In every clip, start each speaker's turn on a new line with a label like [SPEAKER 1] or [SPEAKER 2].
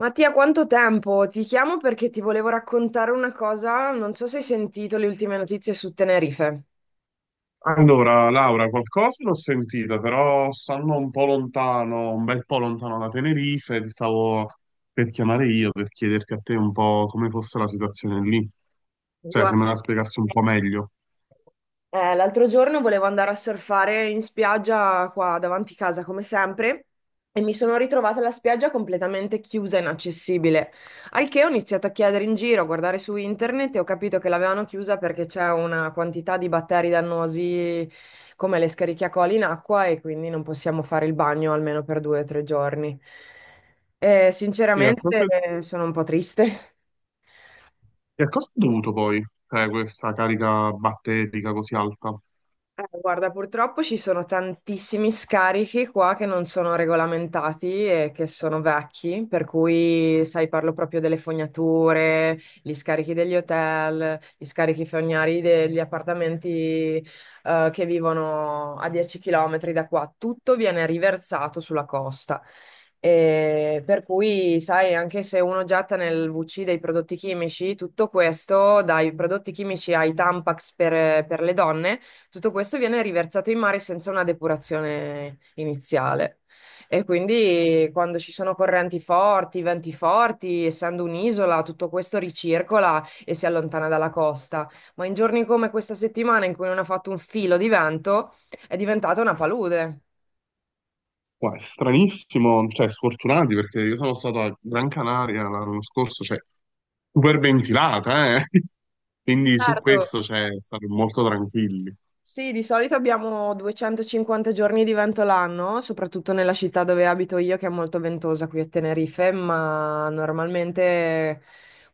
[SPEAKER 1] Mattia, quanto tempo? Ti chiamo perché ti volevo raccontare una cosa, non so se hai sentito le ultime notizie su Tenerife.
[SPEAKER 2] Allora, Laura, qualcosa l'ho sentita, però stanno un po' lontano, un bel po' lontano da Tenerife, e ti stavo per chiamare io per chiederti a te un po' come fosse la situazione lì, cioè se me la
[SPEAKER 1] Guarda.
[SPEAKER 2] spiegassi un po' meglio.
[SPEAKER 1] L'altro giorno volevo andare a surfare in spiaggia qua davanti casa, come sempre, e mi sono ritrovata la spiaggia completamente chiusa e inaccessibile. Al che ho iniziato a chiedere in giro, a guardare su internet e ho capito che l'avevano chiusa perché c'è una quantità di batteri dannosi come le Escherichia coli in acqua e quindi non possiamo fare il bagno almeno per 2 o 3 giorni. E sinceramente
[SPEAKER 2] E
[SPEAKER 1] sono un po' triste.
[SPEAKER 2] a cosa è dovuto poi, cioè, questa carica batterica così alta?
[SPEAKER 1] Guarda, purtroppo ci sono tantissimi scarichi qua che non sono regolamentati e che sono vecchi, per cui, sai, parlo proprio delle fognature, gli scarichi degli hotel, gli scarichi fognari degli appartamenti, che vivono a 10 km da qua. Tutto viene riversato sulla costa. E per cui, sai, anche se uno getta nel VC dei prodotti chimici, tutto questo, dai prodotti chimici ai Tampax per le donne, tutto questo viene riversato in mare senza una depurazione iniziale. E quindi quando ci sono correnti forti, venti forti, essendo un'isola, tutto questo ricircola e si allontana dalla costa. Ma in giorni come questa settimana in cui non ha fatto un filo di vento, è diventata una palude.
[SPEAKER 2] Qua è stranissimo, cioè sfortunati perché io sono stato a Gran Canaria l'anno scorso, cioè super ventilata, eh? Quindi su
[SPEAKER 1] Certo,
[SPEAKER 2] questo cioè, stare molto tranquilli.
[SPEAKER 1] sì, di solito abbiamo 250 giorni di vento l'anno, soprattutto nella città dove abito io, che è molto ventosa qui a Tenerife, ma normalmente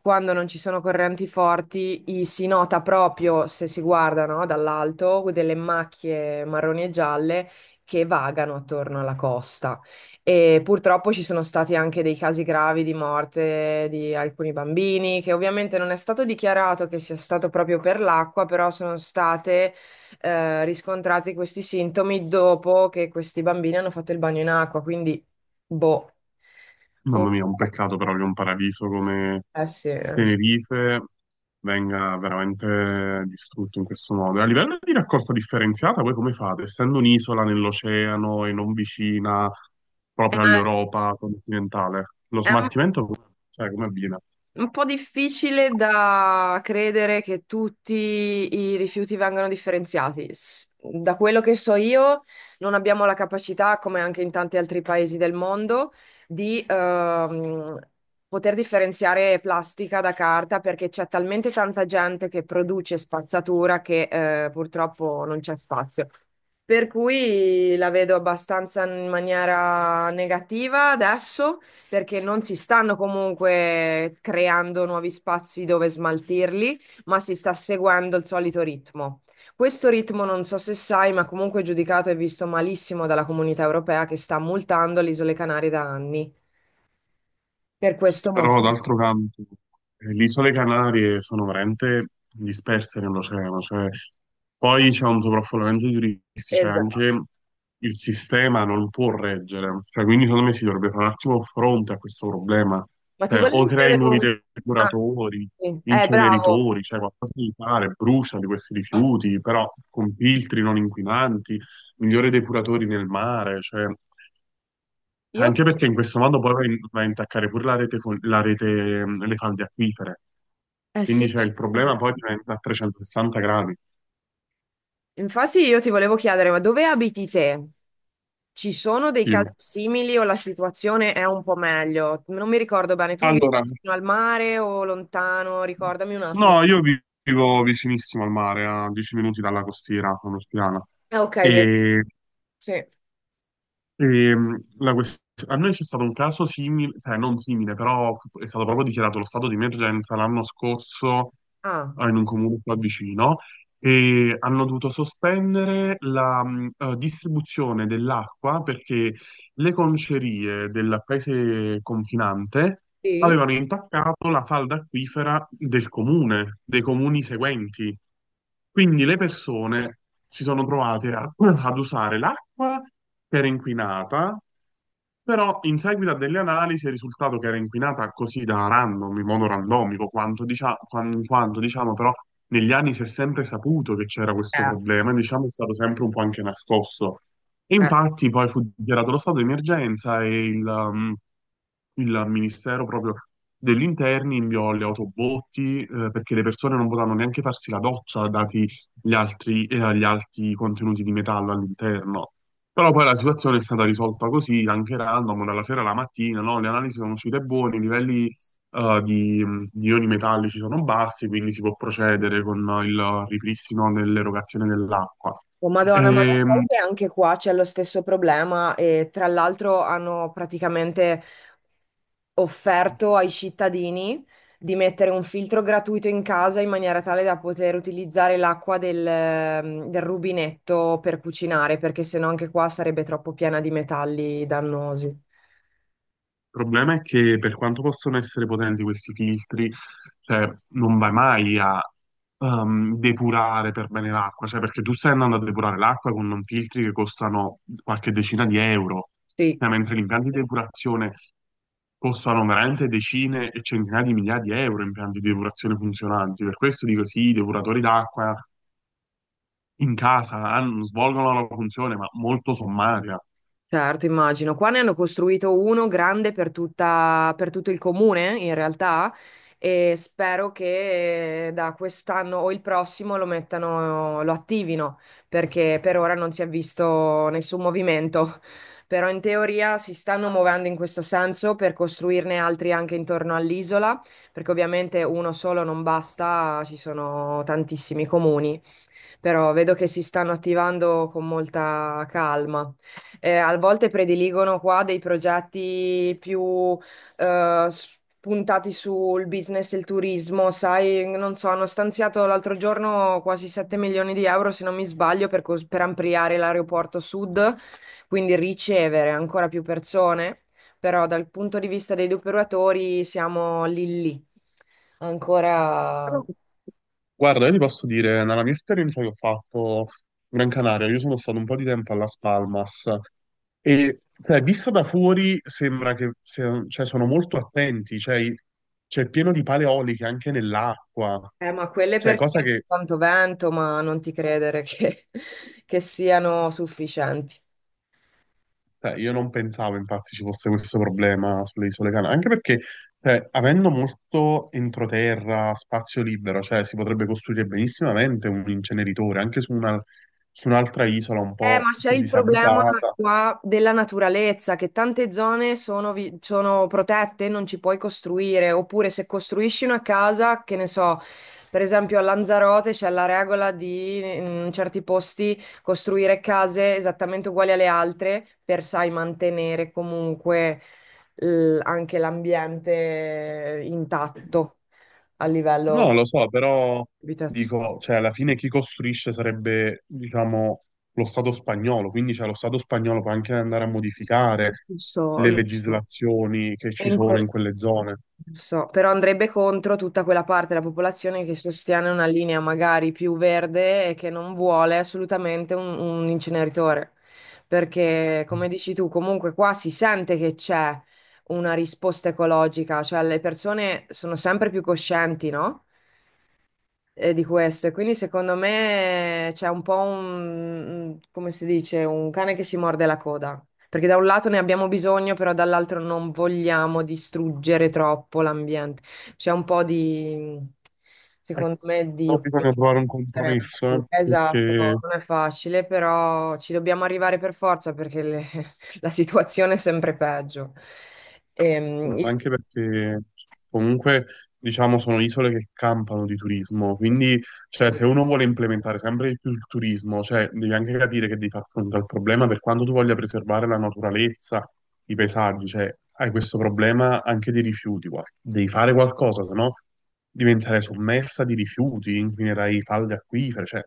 [SPEAKER 1] quando non ci sono correnti forti si nota proprio, se si guarda, no, dall'alto, delle macchie marroni e gialle che vagano attorno alla costa. E purtroppo ci sono stati anche dei casi gravi di morte di alcuni bambini, che ovviamente non è stato dichiarato che sia stato proprio per l'acqua, però sono state riscontrati questi sintomi dopo che questi bambini hanno fatto il bagno in acqua, quindi boh. Un
[SPEAKER 2] Mamma
[SPEAKER 1] po'.
[SPEAKER 2] mia, un peccato però che un paradiso come
[SPEAKER 1] Eh sì, eh sì.
[SPEAKER 2] Tenerife venga veramente distrutto in questo modo. A livello di raccolta differenziata, voi come fate? Essendo un'isola nell'oceano e non vicina
[SPEAKER 1] Eh,
[SPEAKER 2] proprio all'Europa continentale, lo
[SPEAKER 1] è
[SPEAKER 2] smaltimento, sai, come avviene?
[SPEAKER 1] un po' difficile da credere che tutti i rifiuti vengano differenziati. Da quello che so io, non abbiamo la capacità, come anche in tanti altri paesi del mondo, di poter differenziare plastica da carta perché c'è talmente tanta gente che produce spazzatura che purtroppo non c'è spazio. Per cui la vedo abbastanza in maniera negativa adesso perché non si stanno comunque creando nuovi spazi dove smaltirli, ma si sta seguendo il solito ritmo. Questo ritmo non so se sai, ma comunque è giudicato e visto malissimo dalla Comunità Europea che sta multando le Isole Canarie da anni per questo
[SPEAKER 2] Però
[SPEAKER 1] motivo.
[SPEAKER 2] d'altro canto, le isole Canarie sono veramente disperse nell'oceano, cioè, poi c'è un sovraffollamento di turisti, cioè
[SPEAKER 1] Esatto.
[SPEAKER 2] anche il sistema non può reggere, cioè, quindi secondo me si dovrebbe fare un attimo fronte a questo problema,
[SPEAKER 1] Ma ti
[SPEAKER 2] cioè, o
[SPEAKER 1] volevo
[SPEAKER 2] crei
[SPEAKER 1] chiedere
[SPEAKER 2] nuovi
[SPEAKER 1] un... Ah,
[SPEAKER 2] depuratori,
[SPEAKER 1] sì. Bravo.
[SPEAKER 2] inceneritori, cioè qualcosa di fare, brucia di questi rifiuti, però con filtri non inquinanti, migliori depuratori nel mare, cioè...
[SPEAKER 1] Io...
[SPEAKER 2] Anche perché in questo modo poi vai a intaccare pure la rete, la rete, le falde acquifere.
[SPEAKER 1] Eh
[SPEAKER 2] Quindi
[SPEAKER 1] sì.
[SPEAKER 2] c'è il problema poi diventa a 360 gradi.
[SPEAKER 1] Infatti io ti volevo chiedere, ma dove abiti te? Ci sono dei
[SPEAKER 2] Sì.
[SPEAKER 1] casi simili o la situazione è un po' meglio? Non mi ricordo bene, tu vivi
[SPEAKER 2] Allora,
[SPEAKER 1] vicino al mare o lontano? Ricordami un attimo.
[SPEAKER 2] no, vivo vicinissimo al mare, a 10 minuti dalla costiera, a Nostiana.
[SPEAKER 1] Ah, ok, vedi.
[SPEAKER 2] E
[SPEAKER 1] Sì.
[SPEAKER 2] Ehm, la quest- A noi c'è stato un caso simile, cioè non simile, però è stato proprio dichiarato lo stato di emergenza l'anno scorso
[SPEAKER 1] Ah,
[SPEAKER 2] in un comune qua vicino e hanno dovuto sospendere la distribuzione dell'acqua perché le concerie del paese confinante
[SPEAKER 1] sì? Sì.
[SPEAKER 2] avevano intaccato la falda acquifera del comune, dei comuni seguenti. Quindi le persone si sono trovate ad usare l'acqua che era inquinata, però in seguito a delle analisi è risultato che era inquinata così da random, in modo randomico, quanto, diciamo, però negli anni si è sempre saputo che c'era questo
[SPEAKER 1] Eh,
[SPEAKER 2] problema, e, diciamo è stato sempre un po' anche nascosto. E
[SPEAKER 1] eh.
[SPEAKER 2] infatti poi fu dichiarato lo stato di emergenza e il Ministero proprio degli Interni inviò le autobotti, perché le persone non potevano neanche farsi la doccia dati gli alti contenuti di metallo all'interno. Però poi la situazione è stata risolta così, anche random, dalla sera alla mattina, no? Le analisi sono uscite buone, i livelli eh, di, di ioni metallici sono bassi, quindi si può procedere con il ripristino dell'erogazione dell'acqua.
[SPEAKER 1] Oh, Madonna, ma lo sai
[SPEAKER 2] Ehm,
[SPEAKER 1] che anche qua c'è lo stesso problema e tra l'altro hanno praticamente offerto ai cittadini di mettere un filtro gratuito in casa in maniera tale da poter utilizzare l'acqua del rubinetto per cucinare, perché sennò anche qua sarebbe troppo piena di metalli dannosi.
[SPEAKER 2] Il problema è che per quanto possono essere potenti questi filtri, cioè, non vai mai a depurare per bene l'acqua, cioè, perché tu stai andando a depurare l'acqua con non filtri che costano qualche decina di euro,
[SPEAKER 1] Sì.
[SPEAKER 2] cioè, mentre gli impianti di depurazione costano veramente decine e centinaia di migliaia di euro, impianti di depurazione funzionanti. Per questo dico sì, i depuratori d'acqua in casa svolgono la loro funzione, ma molto sommaria.
[SPEAKER 1] Certo, immagino. Qua ne hanno costruito uno grande per tutto il comune, in realtà, e spero che da quest'anno o il prossimo lo mettano, lo attivino, perché per ora non si è visto nessun movimento. Però in teoria si stanno muovendo in questo senso per costruirne altri anche intorno all'isola, perché ovviamente uno solo non basta, ci sono tantissimi comuni, però vedo che si stanno attivando con molta calma. A volte prediligono qua dei progetti più puntati sul business e il turismo, sai, non so, hanno stanziato l'altro giorno quasi 7 milioni di euro, se non mi sbaglio, per ampliare l'aeroporto sud, quindi ricevere ancora più persone, però dal punto di vista degli operatori siamo lì lì. Ancora.
[SPEAKER 2] Guarda, io ti posso dire, nella mia esperienza che ho fatto Gran Canaria, io sono stato un po' di tempo a Las Palmas e cioè, vista da fuori sembra che cioè, sono molto attenti, cioè, c'è pieno di paleoliche anche nell'acqua,
[SPEAKER 1] Ma quelle
[SPEAKER 2] cioè, cosa
[SPEAKER 1] perché
[SPEAKER 2] che
[SPEAKER 1] tanto vento, ma non ti credere che, che siano sufficienti.
[SPEAKER 2] cioè, io non pensavo infatti ci fosse questo problema sulle isole Canarie, anche perché cioè, avendo molto entroterra, spazio libero, cioè si potrebbe costruire benissimamente un inceneritore anche su un'altra isola un
[SPEAKER 1] Ma
[SPEAKER 2] po'
[SPEAKER 1] c'è
[SPEAKER 2] più
[SPEAKER 1] il problema
[SPEAKER 2] disabitata.
[SPEAKER 1] qua della naturalezza, che tante zone sono, sono protette, non ci puoi costruire, oppure se costruisci una casa, che ne so, per esempio a Lanzarote c'è la regola di in certi posti costruire case esattamente uguali alle altre per, sai, mantenere comunque anche l'ambiente intatto a
[SPEAKER 2] No,
[SPEAKER 1] livello
[SPEAKER 2] lo so, però
[SPEAKER 1] abitazionale.
[SPEAKER 2] dico, cioè, alla fine chi costruisce sarebbe, diciamo, lo Stato spagnolo, quindi cioè, lo Stato spagnolo può anche andare a modificare
[SPEAKER 1] Lo so,
[SPEAKER 2] le
[SPEAKER 1] lo so.
[SPEAKER 2] legislazioni che
[SPEAKER 1] E
[SPEAKER 2] ci
[SPEAKER 1] in
[SPEAKER 2] sono in
[SPEAKER 1] que-
[SPEAKER 2] quelle zone.
[SPEAKER 1] Non so, però andrebbe contro tutta quella parte della popolazione che sostiene una linea magari più verde e che non vuole assolutamente un inceneritore. Perché, come dici tu, comunque qua si sente che c'è una risposta ecologica, cioè le persone sono sempre più coscienti, no? Di questo. E quindi secondo me c'è un po' un, come si dice, un cane che si morde la coda. Perché da un lato ne abbiamo bisogno, però dall'altro non vogliamo distruggere troppo l'ambiente. C'è un po' di,
[SPEAKER 2] Eh,
[SPEAKER 1] secondo me, di
[SPEAKER 2] Però bisogna
[SPEAKER 1] opinione.
[SPEAKER 2] trovare un compromesso,
[SPEAKER 1] Esatto,
[SPEAKER 2] perché,
[SPEAKER 1] non è facile, però ci dobbiamo arrivare per forza perché la situazione è sempre peggio. Ehm,
[SPEAKER 2] ma anche perché comunque diciamo sono isole che campano di turismo,
[SPEAKER 1] io-
[SPEAKER 2] quindi cioè, se uno vuole implementare sempre di più il turismo, cioè, devi anche capire che devi far fronte al problema per quanto tu voglia preservare la naturalezza, i paesaggi, cioè, hai questo problema anche dei rifiuti, guarda. Devi fare qualcosa, se no diventerai sommersa di rifiuti, inquinerai falde acquifere, cioè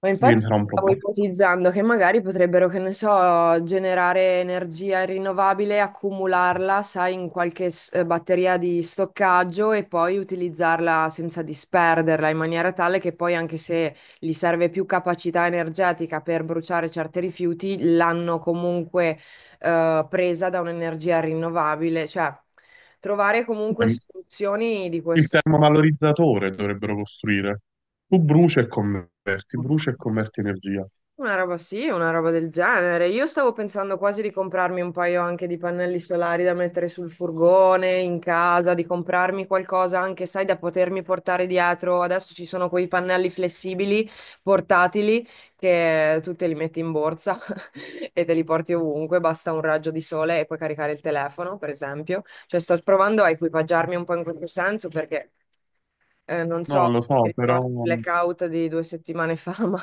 [SPEAKER 1] Ma infatti
[SPEAKER 2] diventerà un
[SPEAKER 1] stavo
[SPEAKER 2] problema.
[SPEAKER 1] ipotizzando che magari potrebbero, che ne so, generare energia rinnovabile, accumularla, sai, in qualche batteria di stoccaggio e poi utilizzarla senza disperderla, in maniera tale che poi anche se gli serve più capacità energetica per bruciare certi rifiuti, l'hanno comunque presa da un'energia rinnovabile, cioè trovare comunque soluzioni di
[SPEAKER 2] Il
[SPEAKER 1] questo.
[SPEAKER 2] termovalorizzatore dovrebbero costruire. Tu bruci e converti energia.
[SPEAKER 1] Una roba sì, una roba del genere. Io stavo pensando quasi di comprarmi un paio anche di pannelli solari da mettere sul furgone, in casa, di comprarmi qualcosa anche, sai, da potermi portare dietro. Adesso ci sono quei pannelli flessibili, portatili, che tu te li metti in borsa e te li porti ovunque, basta un raggio di sole e puoi caricare il telefono, per esempio. Cioè, sto provando a equipaggiarmi un po' in questo senso perché... non
[SPEAKER 2] No,
[SPEAKER 1] so,
[SPEAKER 2] lo
[SPEAKER 1] ti
[SPEAKER 2] so, però
[SPEAKER 1] ricordi il
[SPEAKER 2] mm,
[SPEAKER 1] blackout di 2 settimane fa, ma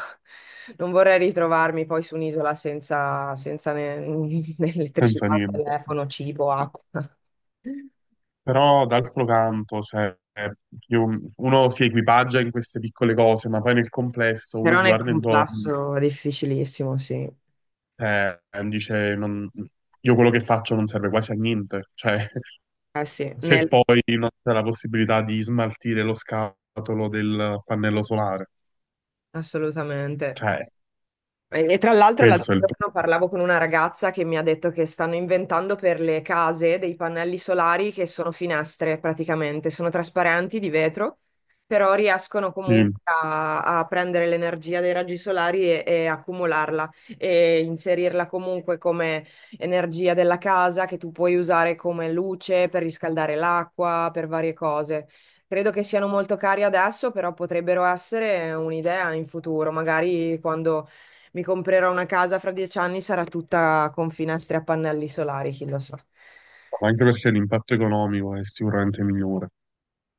[SPEAKER 1] non vorrei ritrovarmi poi su un'isola senza, né
[SPEAKER 2] senza
[SPEAKER 1] elettricità,
[SPEAKER 2] niente.
[SPEAKER 1] telefono, cibo, acqua.
[SPEAKER 2] Però d'altro canto, cioè, uno si equipaggia in queste piccole cose, ma poi nel complesso uno
[SPEAKER 1] Però
[SPEAKER 2] si
[SPEAKER 1] nel
[SPEAKER 2] guarda intorno,
[SPEAKER 1] complesso è difficilissimo, sì.
[SPEAKER 2] e dice, io quello che faccio non serve quasi a niente. Cioè,
[SPEAKER 1] Eh sì,
[SPEAKER 2] se poi non c'è la possibilità di smaltire lo scatolo del pannello solare.
[SPEAKER 1] assolutamente.
[SPEAKER 2] Cioè,
[SPEAKER 1] E tra l'altro l'altro
[SPEAKER 2] questo è il
[SPEAKER 1] giorno parlavo con una ragazza che mi ha detto che stanno inventando per le case dei pannelli solari che sono finestre praticamente, sono trasparenti di vetro, però riescono
[SPEAKER 2] problema.
[SPEAKER 1] comunque a prendere l'energia dei raggi solari e accumularla e inserirla comunque come energia della casa che tu puoi usare come luce per riscaldare l'acqua, per varie cose. Credo che siano molto cari adesso, però potrebbero essere un'idea in futuro, magari quando mi comprerò una casa fra 10 anni, sarà tutta con finestre a pannelli solari, chi lo sa.
[SPEAKER 2] Ma anche perché l'impatto economico è sicuramente migliore.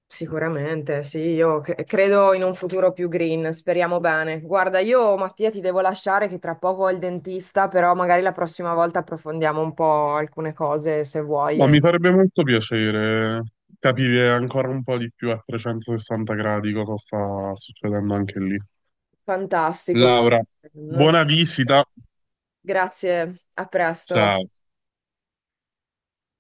[SPEAKER 1] Sicuramente, sì, io credo in un futuro più green, speriamo bene. Guarda, io Mattia ti devo lasciare che tra poco ho il dentista, però magari la prossima volta approfondiamo un po' alcune cose se vuoi.
[SPEAKER 2] No,
[SPEAKER 1] eh.
[SPEAKER 2] mi farebbe molto piacere capire ancora un po' di più a 360 gradi cosa sta succedendo anche lì.
[SPEAKER 1] Fantastico.
[SPEAKER 2] Laura,
[SPEAKER 1] Non so.
[SPEAKER 2] buona visita.
[SPEAKER 1] Grazie, a presto.
[SPEAKER 2] Ciao.